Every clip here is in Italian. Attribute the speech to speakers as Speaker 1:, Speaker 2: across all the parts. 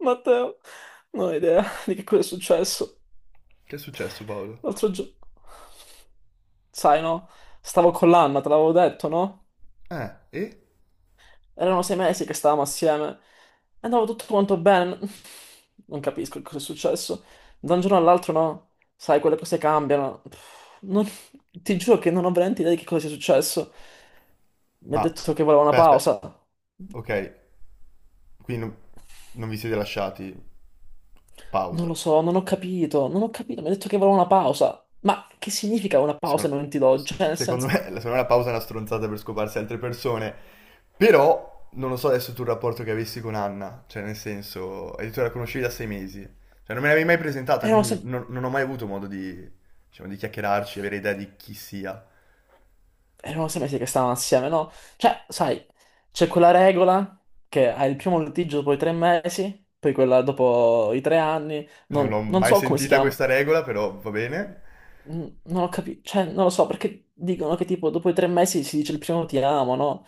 Speaker 1: Matteo, non ho idea di che cosa è successo.
Speaker 2: Che è successo, Paolo?
Speaker 1: L'altro giorno, sai, no? Stavo con l'Anna, te l'avevo detto, no?
Speaker 2: E?
Speaker 1: Erano 6 mesi che stavamo assieme e andava tutto quanto bene. Non capisco che cosa è successo. Da un giorno all'altro, no? Sai, quelle cose cambiano. Pff, non- Ti giuro che non ho veramente idea di che cosa sia successo. Mi ha
Speaker 2: Ma,
Speaker 1: detto che voleva una
Speaker 2: aspetta, aspetta,
Speaker 1: pausa.
Speaker 2: ok, qui non vi siete lasciati
Speaker 1: Non
Speaker 2: pausa.
Speaker 1: lo so, non ho capito, non ho capito. Mi ha detto che voleva una pausa. Ma che significa una pausa
Speaker 2: Secondo,
Speaker 1: ai momenti d'oggi? Cioè, nel
Speaker 2: secondo
Speaker 1: senso,
Speaker 2: me, secondo me la pausa è una stronzata per scoparsi altre persone, però non lo so adesso tu il rapporto che avessi con Anna, cioè nel senso, hai detto che la conoscevi da sei mesi, cioè non me l'avevi mai presentata,
Speaker 1: erano
Speaker 2: quindi
Speaker 1: sempre
Speaker 2: non ho mai avuto modo di, diciamo, di chiacchierarci, avere idea di chi sia.
Speaker 1: erano 6 mesi che stavano assieme, no? Cioè, sai, c'è quella regola che hai il primo litigio dopo i 3 mesi, poi quella dopo i 3 anni,
Speaker 2: Non l'ho
Speaker 1: non
Speaker 2: mai
Speaker 1: so come si
Speaker 2: sentita
Speaker 1: chiama.
Speaker 2: questa regola, però va bene.
Speaker 1: Non ho capito, cioè, non lo so, perché dicono che tipo dopo i 3 mesi si dice il primo ti amo, no?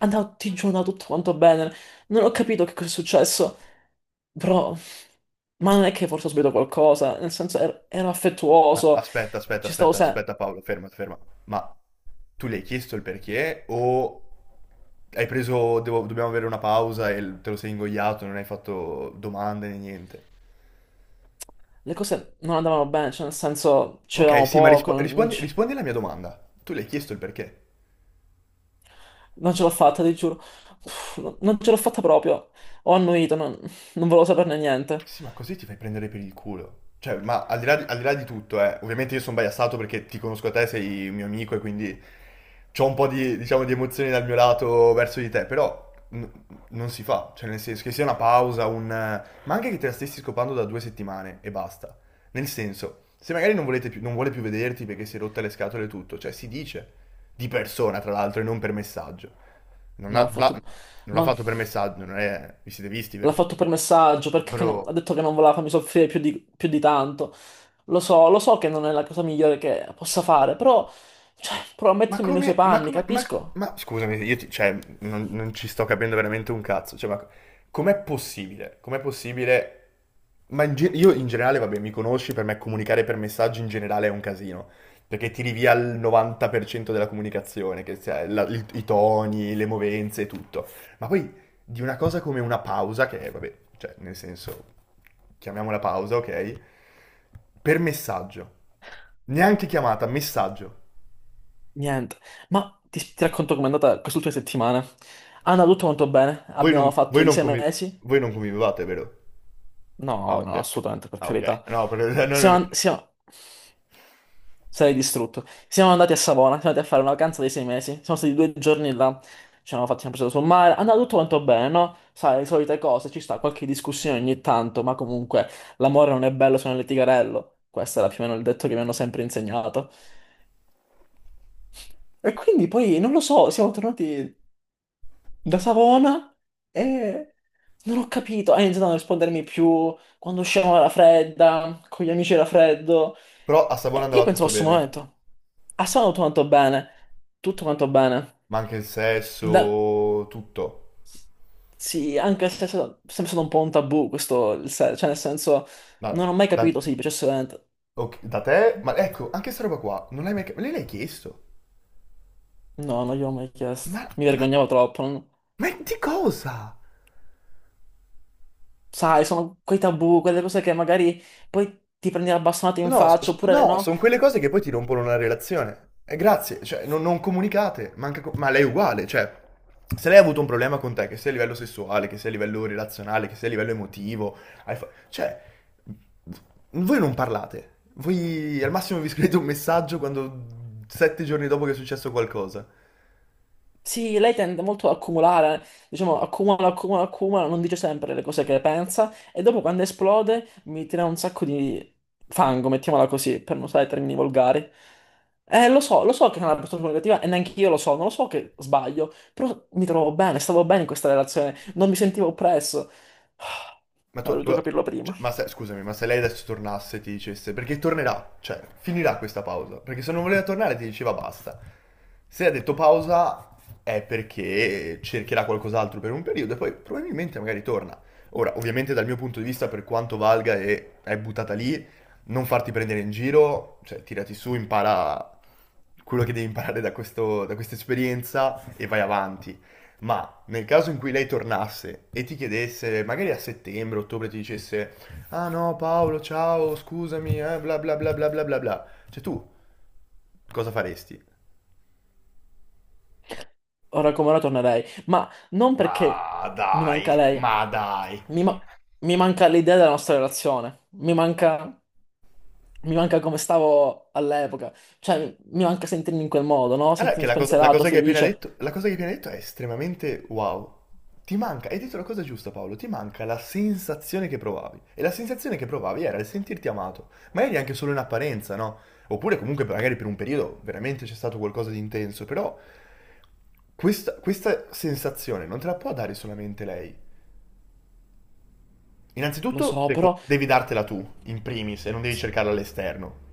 Speaker 1: Andava, ti giuro, andava tutto quanto bene, non ho capito che cosa è successo, però, ma non è che forse ho sbagliato qualcosa, nel senso, ero
Speaker 2: Ma
Speaker 1: affettuoso,
Speaker 2: aspetta, aspetta,
Speaker 1: ci stavo
Speaker 2: aspetta,
Speaker 1: sempre.
Speaker 2: aspetta, Paolo, ferma, ferma. Ma tu le hai chiesto il perché o hai preso, dobbiamo avere una pausa e te lo sei ingoiato, non hai fatto domande né niente?
Speaker 1: Le cose non andavano bene, cioè nel senso ci
Speaker 2: Ok,
Speaker 1: vedevamo
Speaker 2: sì, ma
Speaker 1: poco,
Speaker 2: rispondi, rispondi alla mia domanda. Tu le hai chiesto il perché?
Speaker 1: non ce l'ho fatta, ti giuro. Uff, non ce l'ho fatta proprio. Ho annuito, non volevo saperne niente.
Speaker 2: Sì, ma così ti fai prendere per il culo. Cioè, ma al di là di tutto, ovviamente io sono biasato perché ti conosco a te, sei un mio amico e quindi c'ho un po' di, diciamo, di emozioni dal mio lato verso di te, però non si fa. Cioè, nel senso che sia una pausa, ma anche che te la stessi scopando da due settimane e basta. Nel senso, se magari non vuole più vederti perché si è rotta le scatole e tutto, cioè si dice di persona, tra l'altro, e non per messaggio. Non
Speaker 1: Ma l'ha
Speaker 2: ha- l'ha
Speaker 1: fatto,
Speaker 2: non l'ha
Speaker 1: ma
Speaker 2: fatto per messaggio, non è... vi siete visti,
Speaker 1: l'ha
Speaker 2: vero?
Speaker 1: fatto per messaggio, perché
Speaker 2: Bro.
Speaker 1: ha detto che non voleva farmi soffrire più di tanto. Lo so che non è la cosa migliore che possa fare, però, cioè, provo a mettermi nei suoi
Speaker 2: Ma
Speaker 1: panni,
Speaker 2: come,
Speaker 1: capisco?
Speaker 2: scusami, io cioè, non ci sto capendo veramente un cazzo, cioè, ma com'è possibile? Com'è possibile? Ma io in generale, vabbè, mi conosci, per me comunicare per messaggi in generale è un casino, perché tiri via il 90% della comunicazione, che sia i toni, le movenze e tutto. Ma poi di una cosa come una pausa, che è, vabbè, cioè, nel senso, chiamiamola pausa, ok? Per messaggio. Neanche chiamata, messaggio.
Speaker 1: Niente. Ma ti racconto com'è andata quest'ultima settimana. È andato tutto molto bene,
Speaker 2: Voi non,
Speaker 1: abbiamo fatto
Speaker 2: voi
Speaker 1: i
Speaker 2: non
Speaker 1: sei
Speaker 2: convi-
Speaker 1: mesi.
Speaker 2: voi non convivevate, vero? Ah,
Speaker 1: No,
Speaker 2: ok,
Speaker 1: no,
Speaker 2: ok.
Speaker 1: assolutamente, per
Speaker 2: Ah, ok.
Speaker 1: carità.
Speaker 2: No, no, no,
Speaker 1: Siamo,
Speaker 2: no.
Speaker 1: an- siamo... Sarei distrutto. Siamo andati a Savona, siamo andati a fare una vacanza di 6 mesi. Siamo stati 2 giorni là. Ci hanno fatto una presa sul mare. È andato tutto quanto bene, no? Sai, le solite cose, ci sta qualche discussione ogni tanto, ma comunque l'amore non è bello se non è litigarello. Questo era più o meno il detto che mi hanno sempre insegnato. E quindi poi, non lo so, siamo tornati da Savona e non ho capito. Ha iniziato a non rispondermi più, quando usciamo era fredda, con gli amici era freddo.
Speaker 2: Però a Savona
Speaker 1: E io
Speaker 2: andava
Speaker 1: pensavo a
Speaker 2: tutto
Speaker 1: questo
Speaker 2: bene.
Speaker 1: momento. Ha suonato tutto quanto bene. Tutto quanto bene.
Speaker 2: Ma anche il
Speaker 1: Da-
Speaker 2: sesso, tutto.
Speaker 1: Sì, anche se è sempre stato un po' un tabù questo, il se- cioè nel senso,
Speaker 2: Ma
Speaker 1: non ho mai
Speaker 2: da,
Speaker 1: capito se gli piacesse veramente.
Speaker 2: ok, da te? Ma ecco, anche sta roba qua, non l'hai mai. Lei l'hai chiesto?
Speaker 1: No, non gliel'ho mai chiesto.
Speaker 2: Ma,
Speaker 1: Mi
Speaker 2: ma,
Speaker 1: vergognavo troppo.
Speaker 2: ma di cosa?
Speaker 1: Sai, sono quei tabù, quelle cose che magari poi ti prendi la bastonata in
Speaker 2: No,
Speaker 1: faccia, oppure
Speaker 2: no,
Speaker 1: no.
Speaker 2: sono quelle cose che poi ti rompono una relazione. E grazie, cioè, non comunicate, ma, ma lei è uguale, cioè, se lei ha avuto un problema con te, che sia a livello sessuale, che sia a livello relazionale, che sia a livello emotivo, cioè, voi non parlate, voi al massimo vi scrivete un messaggio quando sette giorni dopo che è successo qualcosa.
Speaker 1: Sì, lei tende molto ad accumulare, diciamo, accumula, accumula, accumula, non dice sempre le cose che pensa e dopo quando esplode mi tira un sacco di fango, mettiamola così, per non usare termini volgari. Lo so che è una persona negativa e neanche io lo so, non lo so che sbaglio, però mi trovo bene, stavo bene in questa relazione, non mi sentivo oppresso. Ah,
Speaker 2: Ma tu,
Speaker 1: avrei
Speaker 2: tu-
Speaker 1: dovuto capirlo
Speaker 2: cioè,
Speaker 1: prima.
Speaker 2: ma se, scusami, ma se lei adesso tornasse e ti dicesse, perché tornerà, cioè, finirà questa pausa, perché se non voleva tornare ti diceva basta. Se ha detto pausa è perché cercherà qualcos'altro per un periodo e poi probabilmente magari torna. Ora, ovviamente dal mio punto di vista, per quanto valga e è buttata lì, non farti prendere in giro, cioè tirati su, impara quello che devi imparare da da questa esperienza e vai avanti. Ma nel caso in cui lei tornasse e ti chiedesse, magari a settembre, ottobre, ti dicesse, ah no Paolo, ciao, scusami, bla bla bla bla bla bla bla, cioè tu cosa faresti?
Speaker 1: Ora come ora tornerei, ma non perché
Speaker 2: Ma
Speaker 1: mi manca
Speaker 2: dai,
Speaker 1: lei,
Speaker 2: ma dai.
Speaker 1: mi, ma- mi manca l'idea della nostra relazione, mi manca. Mi manca come stavo all'epoca, cioè mi manca sentirmi in quel modo, no?
Speaker 2: Guarda che
Speaker 1: Sentirmi
Speaker 2: la
Speaker 1: spensierato,
Speaker 2: cosa che hai appena
Speaker 1: felice,
Speaker 2: detto, la cosa che hai appena detto è estremamente wow. Ti manca, hai detto la cosa giusta Paolo, ti manca la sensazione che provavi. E la sensazione che provavi era il sentirti amato, ma eri anche solo in apparenza, no? Oppure comunque magari per un periodo veramente c'è stato qualcosa di intenso, però questa sensazione non te la può dare solamente lei.
Speaker 1: lo
Speaker 2: Innanzitutto
Speaker 1: so, però
Speaker 2: devi dartela tu, in primis, e non devi
Speaker 1: sì.
Speaker 2: cercarla all'esterno.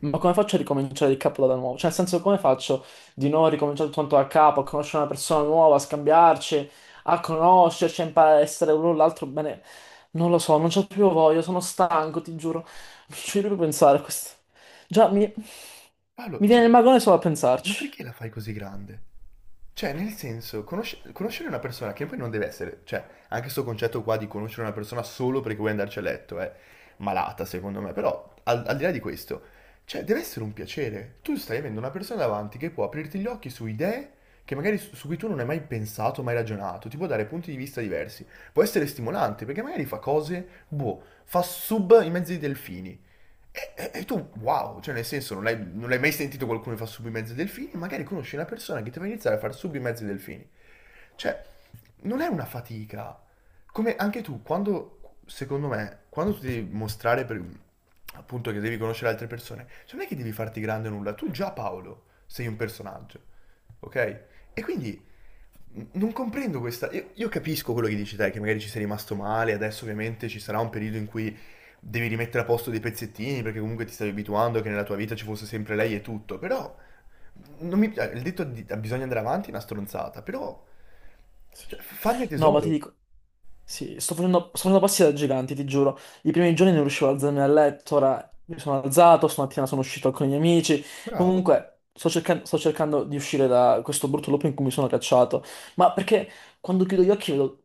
Speaker 1: Ma come faccio a ricominciare il capo da nuovo? Cioè, nel senso, come faccio di nuovo a ricominciare tutto quanto da capo, a conoscere una persona nuova, a scambiarci, a conoscerci, a imparare a essere l'uno l'altro bene? Non lo so, non c'ho più voglia, sono stanco, ti giuro. Non ci voglio più pensare a questo. Già, mi,
Speaker 2: Paolo,
Speaker 1: mi viene
Speaker 2: cioè,
Speaker 1: il magone solo a
Speaker 2: ma
Speaker 1: pensarci.
Speaker 2: perché la fai così grande? Cioè, nel senso, conoscere una persona che poi non deve essere, cioè, anche questo concetto qua di conoscere una persona solo perché vuoi andarci a letto è malata, secondo me, però al, al di là di questo, cioè, deve essere un piacere. Tu stai avendo una persona davanti che può aprirti gli occhi su idee che magari su cui tu non hai mai pensato, mai ragionato, ti può dare punti di vista diversi. Può essere stimolante perché magari fa cose, boh, fa sub in mezzo ai delfini, e tu, wow, cioè nel senso non l'hai mai sentito qualcuno che fa sub i mezzi delfini, magari conosci una persona che ti fa iniziare a fare sub i mezzi delfini. Cioè, non è una fatica. Come anche tu, quando, secondo me, quando tu devi mostrare per, appunto che devi conoscere altre persone, cioè non è che devi farti grande nulla, tu già Paolo sei un personaggio, ok? E quindi non comprendo questa. Io capisco quello che dici te, che magari ci sei rimasto male, adesso ovviamente ci sarà un periodo in cui devi rimettere a posto dei pezzettini perché comunque ti stavi abituando che nella tua vita ci fosse sempre lei e tutto, però non mi, il detto di, "Ah, bisogna andare avanti è una stronzata, però
Speaker 1: Sì.
Speaker 2: cioè, farne
Speaker 1: No, ma ti
Speaker 2: tesoro.
Speaker 1: dico, sì, sto facendo passi da giganti, ti giuro. I primi giorni non riuscivo ad alzarmi dal letto, ora mi sono alzato, stamattina sono uscito con i miei amici.
Speaker 2: Bravo.
Speaker 1: Comunque, sto cercando di uscire da questo brutto loop in cui mi sono cacciato. Ma perché quando chiudo gli occhi vedo,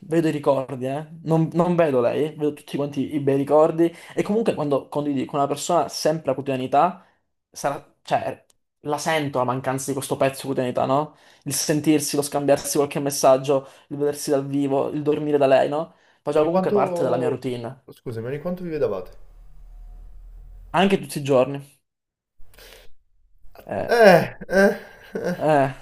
Speaker 1: vedo i ricordi, eh? Non vedo lei, vedo tutti quanti i bei ricordi. E comunque quando condividi con una persona sempre la quotidianità, sarà, cioè, la sento la mancanza di questo pezzo di quotidianità, no? Il sentirsi, lo scambiarsi qualche messaggio, il vedersi dal vivo, il dormire da lei, no? Faceva
Speaker 2: Ogni
Speaker 1: comunque parte della mia
Speaker 2: quanto...
Speaker 1: routine,
Speaker 2: Scusami, ogni quanto vi vedevate?
Speaker 1: anche tutti i giorni. Eh,
Speaker 2: Eh, eh, eh.
Speaker 1: eh,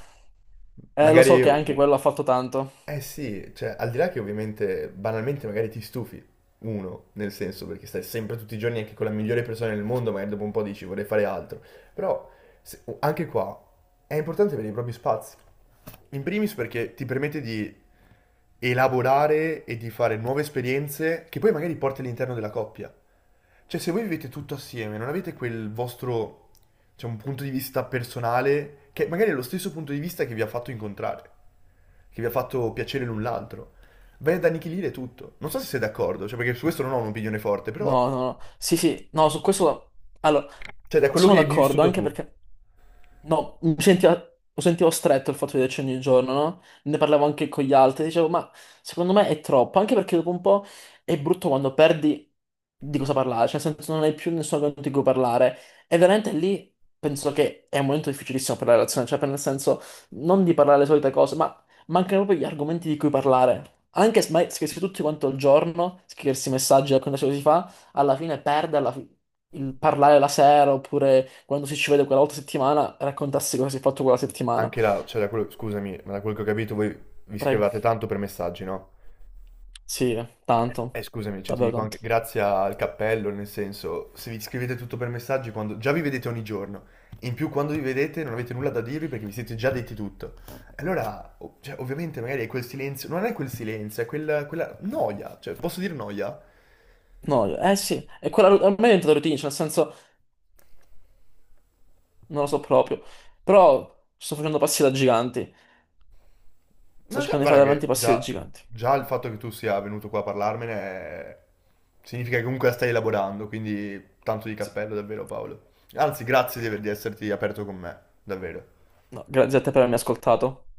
Speaker 1: lo so
Speaker 2: Magari
Speaker 1: che anche
Speaker 2: u-
Speaker 1: quello ha fatto tanto.
Speaker 2: Eh sì, cioè, al di là che ovviamente banalmente magari ti stufi, uno, nel senso, perché stai sempre tutti i giorni anche con la migliore persona del mondo, magari dopo un po' dici vorrei fare altro, però anche qua è importante avere i propri spazi. In primis perché ti permette di elaborare e di fare nuove esperienze che poi magari porti all'interno della coppia. Cioè, se voi vivete tutto assieme, non avete quel vostro, cioè, un punto di vista personale che magari è lo stesso punto di vista che vi ha fatto incontrare che vi ha fatto piacere l'un l'altro. Bene ad annichilire tutto. Non so se sei d'accordo, cioè perché su questo non ho un'opinione forte, però
Speaker 1: No, no, no. Sì, sì, no, su questo. Allora,
Speaker 2: cioè da quello
Speaker 1: sono
Speaker 2: che hai
Speaker 1: d'accordo,
Speaker 2: vissuto
Speaker 1: anche
Speaker 2: tu,
Speaker 1: perché no, mi sentiva, lo sentivo stretto il fatto di vederci ogni giorno, no? Ne parlavo anche con gli altri, dicevo, ma secondo me è troppo, anche perché dopo un po' è brutto quando perdi di cosa parlare, cioè nel senso non hai più nessuno con cui parlare. E veramente lì penso che è un momento difficilissimo per la relazione, cioè per nel senso non di parlare le solite cose, ma mancano proprio gli argomenti di cui parlare. Anche se ma scriversi tutti quanto il giorno, scriversi messaggi, raccontarsi cosa si fa alla fine perde il parlare la sera oppure quando si ci vede quella volta a settimana raccontarsi cosa si è fatto quella settimana.
Speaker 2: anche là, cioè da quello, scusami, ma da quello che ho capito voi vi
Speaker 1: Prego.
Speaker 2: scrivate tanto per messaggi, no?
Speaker 1: Sì, tanto,
Speaker 2: Scusami, cioè ti
Speaker 1: davvero
Speaker 2: dico anche
Speaker 1: tanto.
Speaker 2: grazie al cappello, nel senso, se vi scrivete tutto per messaggi quando già vi vedete ogni giorno, in più quando vi vedete non avete nulla da dirvi perché vi siete già detti tutto. Allora, cioè, ovviamente magari è quel silenzio, non è quel silenzio, è quella noia, cioè posso dire noia?
Speaker 1: No, eh sì, e quella a me è diventata routine, cioè nel senso non lo so proprio, però sto facendo passi da giganti, sto
Speaker 2: No, già,
Speaker 1: cercando di
Speaker 2: guarda
Speaker 1: fare
Speaker 2: che
Speaker 1: veramente passi da
Speaker 2: già,
Speaker 1: giganti.
Speaker 2: già il fatto che tu sia venuto qua a parlarmene significa che comunque la stai elaborando, quindi tanto di
Speaker 1: Sì.
Speaker 2: cappello davvero Paolo. Anzi, grazie di, di esserti aperto con me, davvero.
Speaker 1: No, grazie a te per avermi ascoltato.